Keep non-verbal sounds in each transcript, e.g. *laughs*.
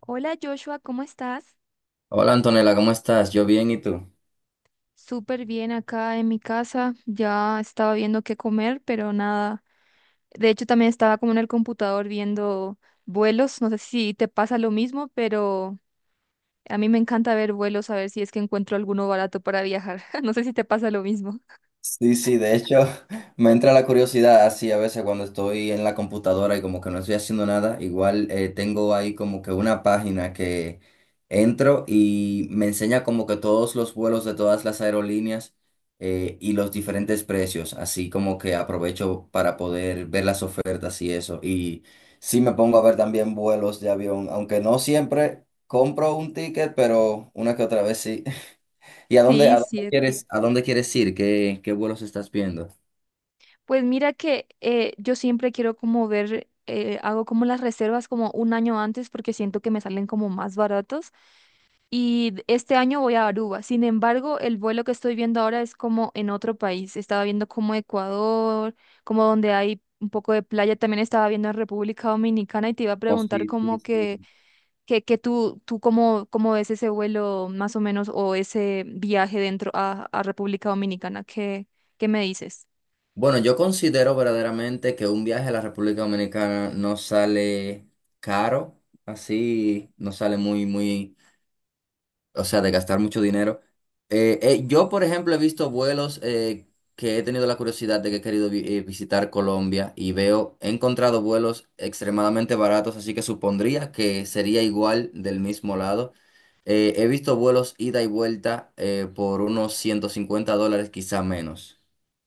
Hola Joshua, ¿cómo estás? Hola Antonella, ¿cómo estás? Yo bien, ¿y tú? Súper bien acá en mi casa. Ya estaba viendo qué comer, pero nada. De hecho, también estaba como en el computador viendo vuelos. No sé si te pasa lo mismo, pero a mí me encanta ver vuelos, a ver si es que encuentro alguno barato para viajar. *laughs* No sé si te pasa lo mismo. Sí, sí, de hecho *laughs* me entra la curiosidad así a veces cuando estoy en la computadora y como que no estoy haciendo nada, igual tengo ahí como que una página que entro y me enseña como que todos los vuelos de todas las aerolíneas y los diferentes precios, así como que aprovecho para poder ver las ofertas y eso. Y sí me pongo a ver también vuelos de avión, aunque no siempre compro un ticket, pero una que otra vez sí. ¿Y a dónde, Sí, a dónde sí. quieres, a dónde quieres ir? ¿Qué vuelos estás viendo? Pues mira que yo siempre quiero como ver, hago como las reservas como un año antes porque siento que me salen como más baratos. Y este año voy a Aruba. Sin embargo, el vuelo que estoy viendo ahora es como en otro país. Estaba viendo como Ecuador, como donde hay un poco de playa. También estaba viendo en República Dominicana y te iba a Oh, preguntar sí, sí, como que, sí. que tú cómo ves ese vuelo más o menos o ese viaje dentro a República Dominicana. ¿Qué, qué me dices? Bueno, yo considero verdaderamente que un viaje a la República Dominicana no sale caro, así, no sale muy, muy o sea, de gastar mucho dinero. Yo, por ejemplo, he visto vuelos que he tenido la curiosidad de que he querido visitar Colombia y veo, he encontrado vuelos extremadamente baratos, así que supondría que sería igual del mismo lado. He visto vuelos ida y vuelta por unos $150, quizá menos.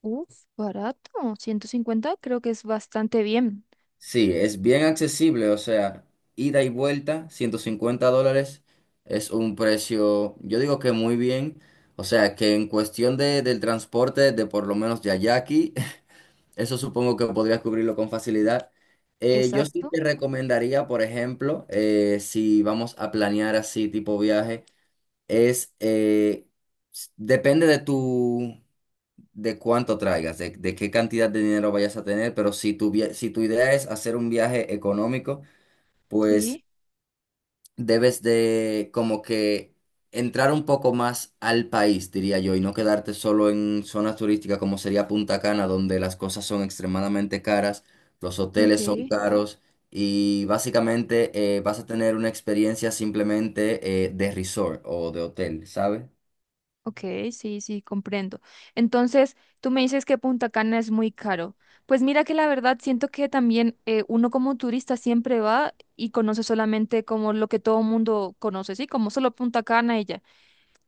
Uf, barato. 150, creo que es bastante bien. Sí, es bien accesible, o sea, ida y vuelta, $150 es un precio, yo digo que muy bien, o sea, que en cuestión del transporte de por lo menos de allá a aquí, *laughs* eso supongo que podrías cubrirlo con facilidad. Yo sí Exacto. te recomendaría, por ejemplo, si vamos a planear así tipo viaje, es, depende de cuánto traigas, de qué cantidad de dinero vayas a tener, pero si si tu idea es hacer un viaje económico, pues Sí. debes de como que entrar un poco más al país, diría yo, y no quedarte solo en zonas turísticas como sería Punta Cana, donde las cosas son extremadamente caras, los Ok. hoteles son caros. Y básicamente vas a tener una experiencia simplemente de resort o de hotel, ¿sabes? Ok, sí, sí, comprendo. Entonces, tú me dices que Punta Cana es muy caro. Pues mira que la verdad siento que también uno como turista siempre va y conoce solamente como lo que todo mundo conoce, ¿sí? Como solo Punta Cana y ya.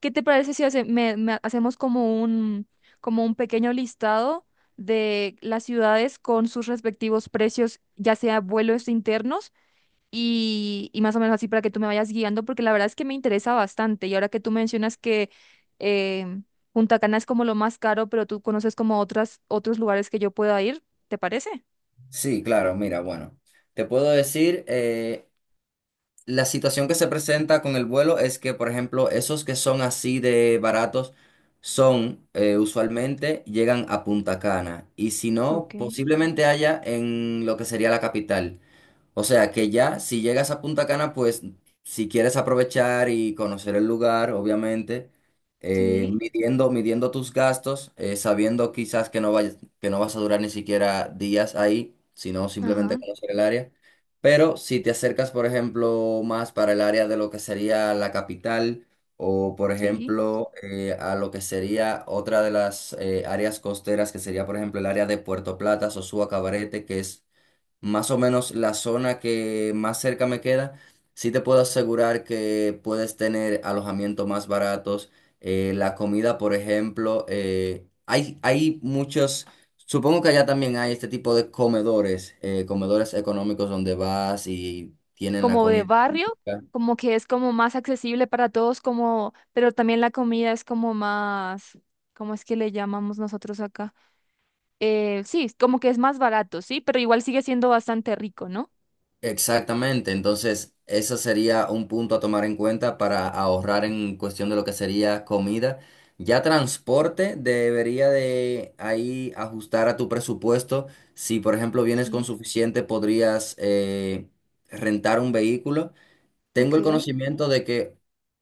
¿Qué te parece si me hacemos como un pequeño listado de las ciudades con sus respectivos precios, ya sea vuelos internos? Y, y más o menos así para que tú me vayas guiando, porque la verdad es que me interesa bastante. Y ahora que tú mencionas que em, Punta Cana es como lo más caro, pero tú conoces como otras, otros lugares que yo pueda ir, ¿te parece? Sí, claro, mira, bueno, te puedo decir, la situación que se presenta con el vuelo es que, por ejemplo, esos que son así de baratos son usualmente llegan a Punta Cana y si no, Ok. posiblemente haya en lo que sería la capital. O sea que ya, si llegas a Punta Cana, pues si quieres aprovechar y conocer el lugar, obviamente, Sí, midiendo tus gastos, sabiendo quizás que no vayas, que no vas a durar ni siquiera días ahí, sino simplemente ajá, conocer el área. Pero si te acercas, por ejemplo, más para el área de lo que sería la capital o, por sí. ejemplo, a lo que sería otra de las áreas costeras, que sería, por ejemplo, el área de Puerto Plata, Sosúa, Cabarete, que es más o menos la zona que más cerca me queda, sí te puedo asegurar que puedes tener alojamiento más baratos. La comida, por ejemplo, hay muchos, supongo que allá también hay este tipo de comedores, comedores económicos donde vas y tienen la Como de comida barrio, típica. como que es como más accesible para todos, como, pero también la comida es como más, ¿cómo es que le llamamos nosotros acá? Sí, es como que es más barato, sí, pero igual sigue siendo bastante rico, ¿no? Exactamente, entonces eso sería un punto a tomar en cuenta para ahorrar en cuestión de lo que sería comida. Ya transporte debería de ahí ajustar a tu presupuesto. Si por ejemplo vienes con Sí. suficiente, podrías rentar un vehículo. Ok, Tengo el conocimiento de que,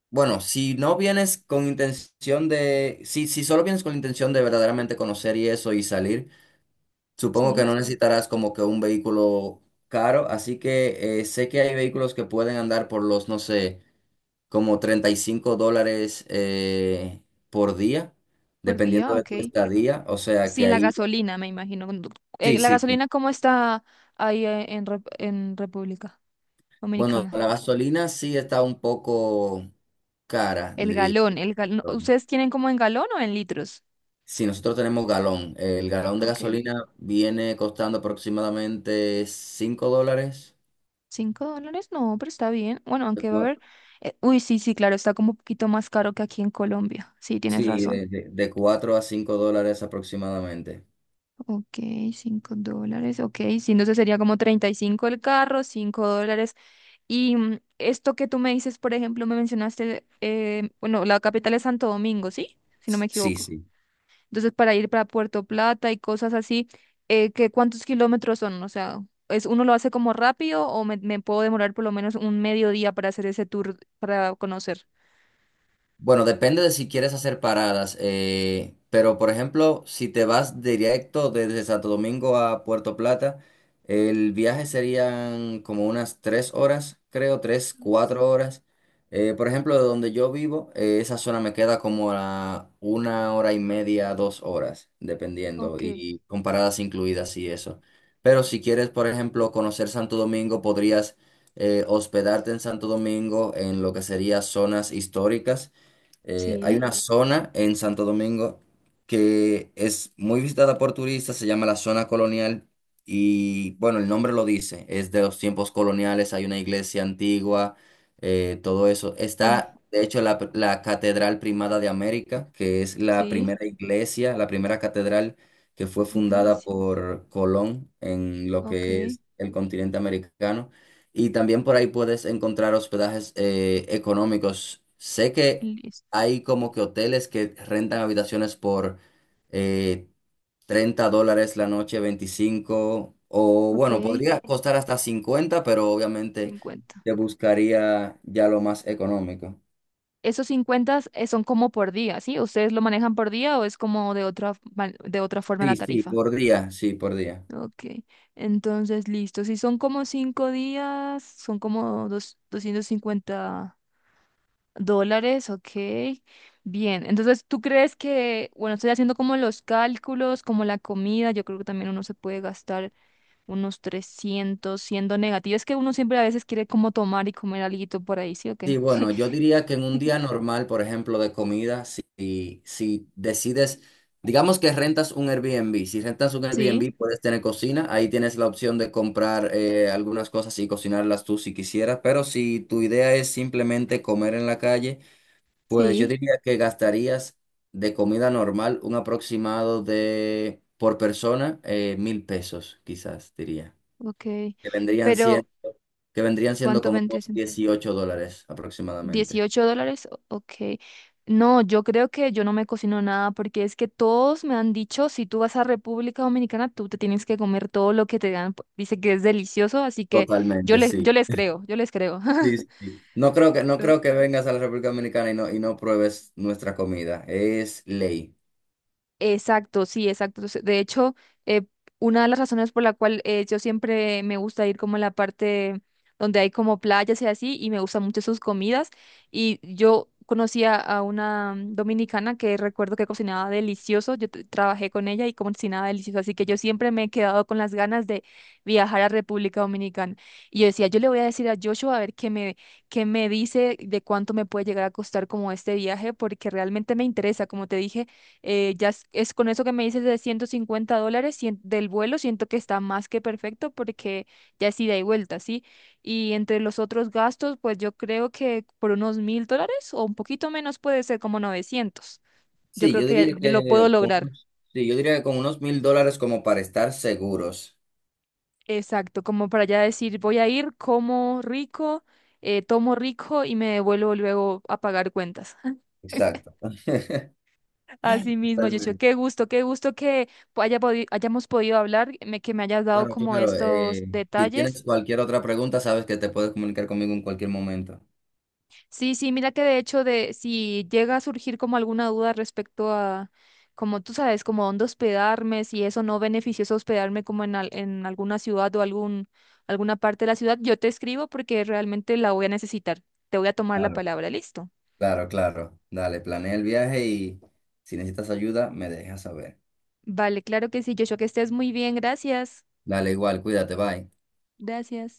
bueno, si no vienes con intención de, si solo vienes con la intención de verdaderamente conocer y eso y salir. Supongo que sí. no necesitarás como que un vehículo caro, así que sé que hay vehículos que pueden andar por los, no sé, como $35 por día, Por dependiendo día, de ok. tu estadía. O sea que Sin la ahí, gasolina, me imagino. Sí, ¿La sí, sí. gasolina cómo está ahí en, en República Bueno, Dominicana? la gasolina sí está un poco cara, El diría galón, yo. el galón. Pero ¿Ustedes tienen como en galón o en litros? sí, nosotros tenemos galón. El galón de Ok. gasolina viene costando aproximadamente $5. ¿$5? No, pero está bien. Bueno, aunque va a haber... uy, sí, sí, claro, está como un poquito más caro que aquí en Colombia. Sí, tienes Sí, razón. De 4 a 5 dólares aproximadamente. Ok, $5. Ok, sí, entonces sería como 35 el carro, $5. Y esto que tú me dices, por ejemplo, me mencionaste, bueno, la capital es Santo Domingo, ¿sí? Si no me Sí, equivoco. sí. Entonces, para ir para Puerto Plata y cosas así, ¿qué, cuántos kilómetros son? O sea, ¿es, uno lo hace como rápido o me, puedo demorar por lo menos un mediodía para hacer ese tour, para conocer? Bueno, depende de si quieres hacer paradas, pero por ejemplo, si te vas directo desde Santo Domingo a Puerto Plata, el viaje serían como unas tres horas, creo, tres, cuatro horas. Por ejemplo, de donde yo vivo, esa zona me queda como a una hora y media, dos horas, dependiendo, Ok, y con paradas incluidas y eso. Pero si quieres, por ejemplo, conocer Santo Domingo, podrías hospedarte en Santo Domingo en lo que serían zonas históricas, hay sí, una zona en Santo Domingo que es muy visitada por turistas, se llama la zona colonial y bueno, el nombre lo dice, es de los tiempos coloniales, hay una iglesia antigua, todo eso. bueno, Está, de hecho, la Catedral Primada de América, que es la sí, primera iglesia, la primera catedral que fue fundada iglesia. por Colón en lo Ok, que es el continente americano. Y también por ahí puedes encontrar hospedajes económicos. Sé que listo. hay como que hoteles que rentan habitaciones por eh, $30 la noche, 25 o Ok, bueno, podría costar hasta 50, pero obviamente 50. te buscaría ya lo más económico. Esos 50 son como por día, ¿sí? ¿Ustedes lo manejan por día o es como de otra, de otra forma la Sí, sí, tarifa? por día, sí, por día. Ok, entonces listo. Si son como 5 días, son como $250, ok. Bien, entonces tú crees que, bueno, estoy haciendo como los cálculos, como la comida, yo creo que también uno se puede gastar unos 300 siendo negativo. Es que uno siempre a veces quiere como tomar y comer alguito por ahí, ¿sí o Sí, qué? bueno, yo diría que en un día normal, por ejemplo, de comida, si decides, digamos que rentas un Airbnb, si rentas un Sí, Airbnb puedes tener cocina, ahí tienes la opción de comprar algunas cosas y cocinarlas tú si quisieras, pero si tu idea es simplemente comer en la calle, pues yo sí, diría que gastarías de comida normal un aproximado de, por persona, 1.000 pesos, quizás diría, ok. que vendrían, Pero, cien- que vendrían siendo ¿cuánto como vendría unos siendo? $18 aproximadamente. ¿$18? O- Ok. No, yo creo que yo no me cocino nada porque es que todos me han dicho, si tú vas a República Dominicana, tú te tienes que comer todo lo que te dan. Pues, dice que es delicioso, así que Totalmente, sí. yo les creo, yo les creo. Sí, *laughs* sí, sí. No creo que, no creo que vengas a la República Dominicana y no pruebes nuestra comida. Es ley. Exacto, sí, exacto. De hecho, eh, una de las razones por la cual yo siempre me gusta ir como a la parte donde hay como playas y así, y me gustan mucho sus comidas. Y yo conocí a una dominicana que recuerdo que cocinaba delicioso. Yo trabajé con ella y cocinaba delicioso. Así que yo siempre me he quedado con las ganas de viajar a República Dominicana. Y yo decía, yo le voy a decir a Joshua a ver qué me dice de cuánto me puede llegar a costar como este viaje, porque realmente me interesa, como te dije ya es con eso que me dices de $150 del vuelo, siento que está más que perfecto porque ya es ida y vuelta, ¿sí? Y entre los otros gastos, pues yo creo que por unos $1000 o un poquito menos puede ser como 900. Yo Sí, creo yo que diría lo puedo que con lograr. unos, sí, yo diría que con unos $1.000 como para estar seguros. Exacto, como para ya decir, voy a ir, como rico, tomo rico y me devuelvo luego a pagar cuentas. *laughs* Exacto. Así mismo, Yocho, Totalmente. Qué gusto que hayamos podido hablar, que me hayas dado Claro, como claro. estos Si detalles. tienes cualquier otra pregunta, sabes que te puedes comunicar conmigo en cualquier momento. Sí, sí, mira que de hecho de si llega a surgir como alguna duda respecto a, como tú sabes, como dónde hospedarme, si eso no beneficioso hospedarme como en, en alguna ciudad o algún, alguna parte de la ciudad, yo te escribo porque realmente la voy a necesitar. Te voy a tomar la Claro, palabra, listo. claro, claro. Dale, planea el viaje y si necesitas ayuda, me dejas saber. Vale, claro que sí, Joshua, que estés muy bien, gracias. Dale, igual, cuídate, bye. Gracias.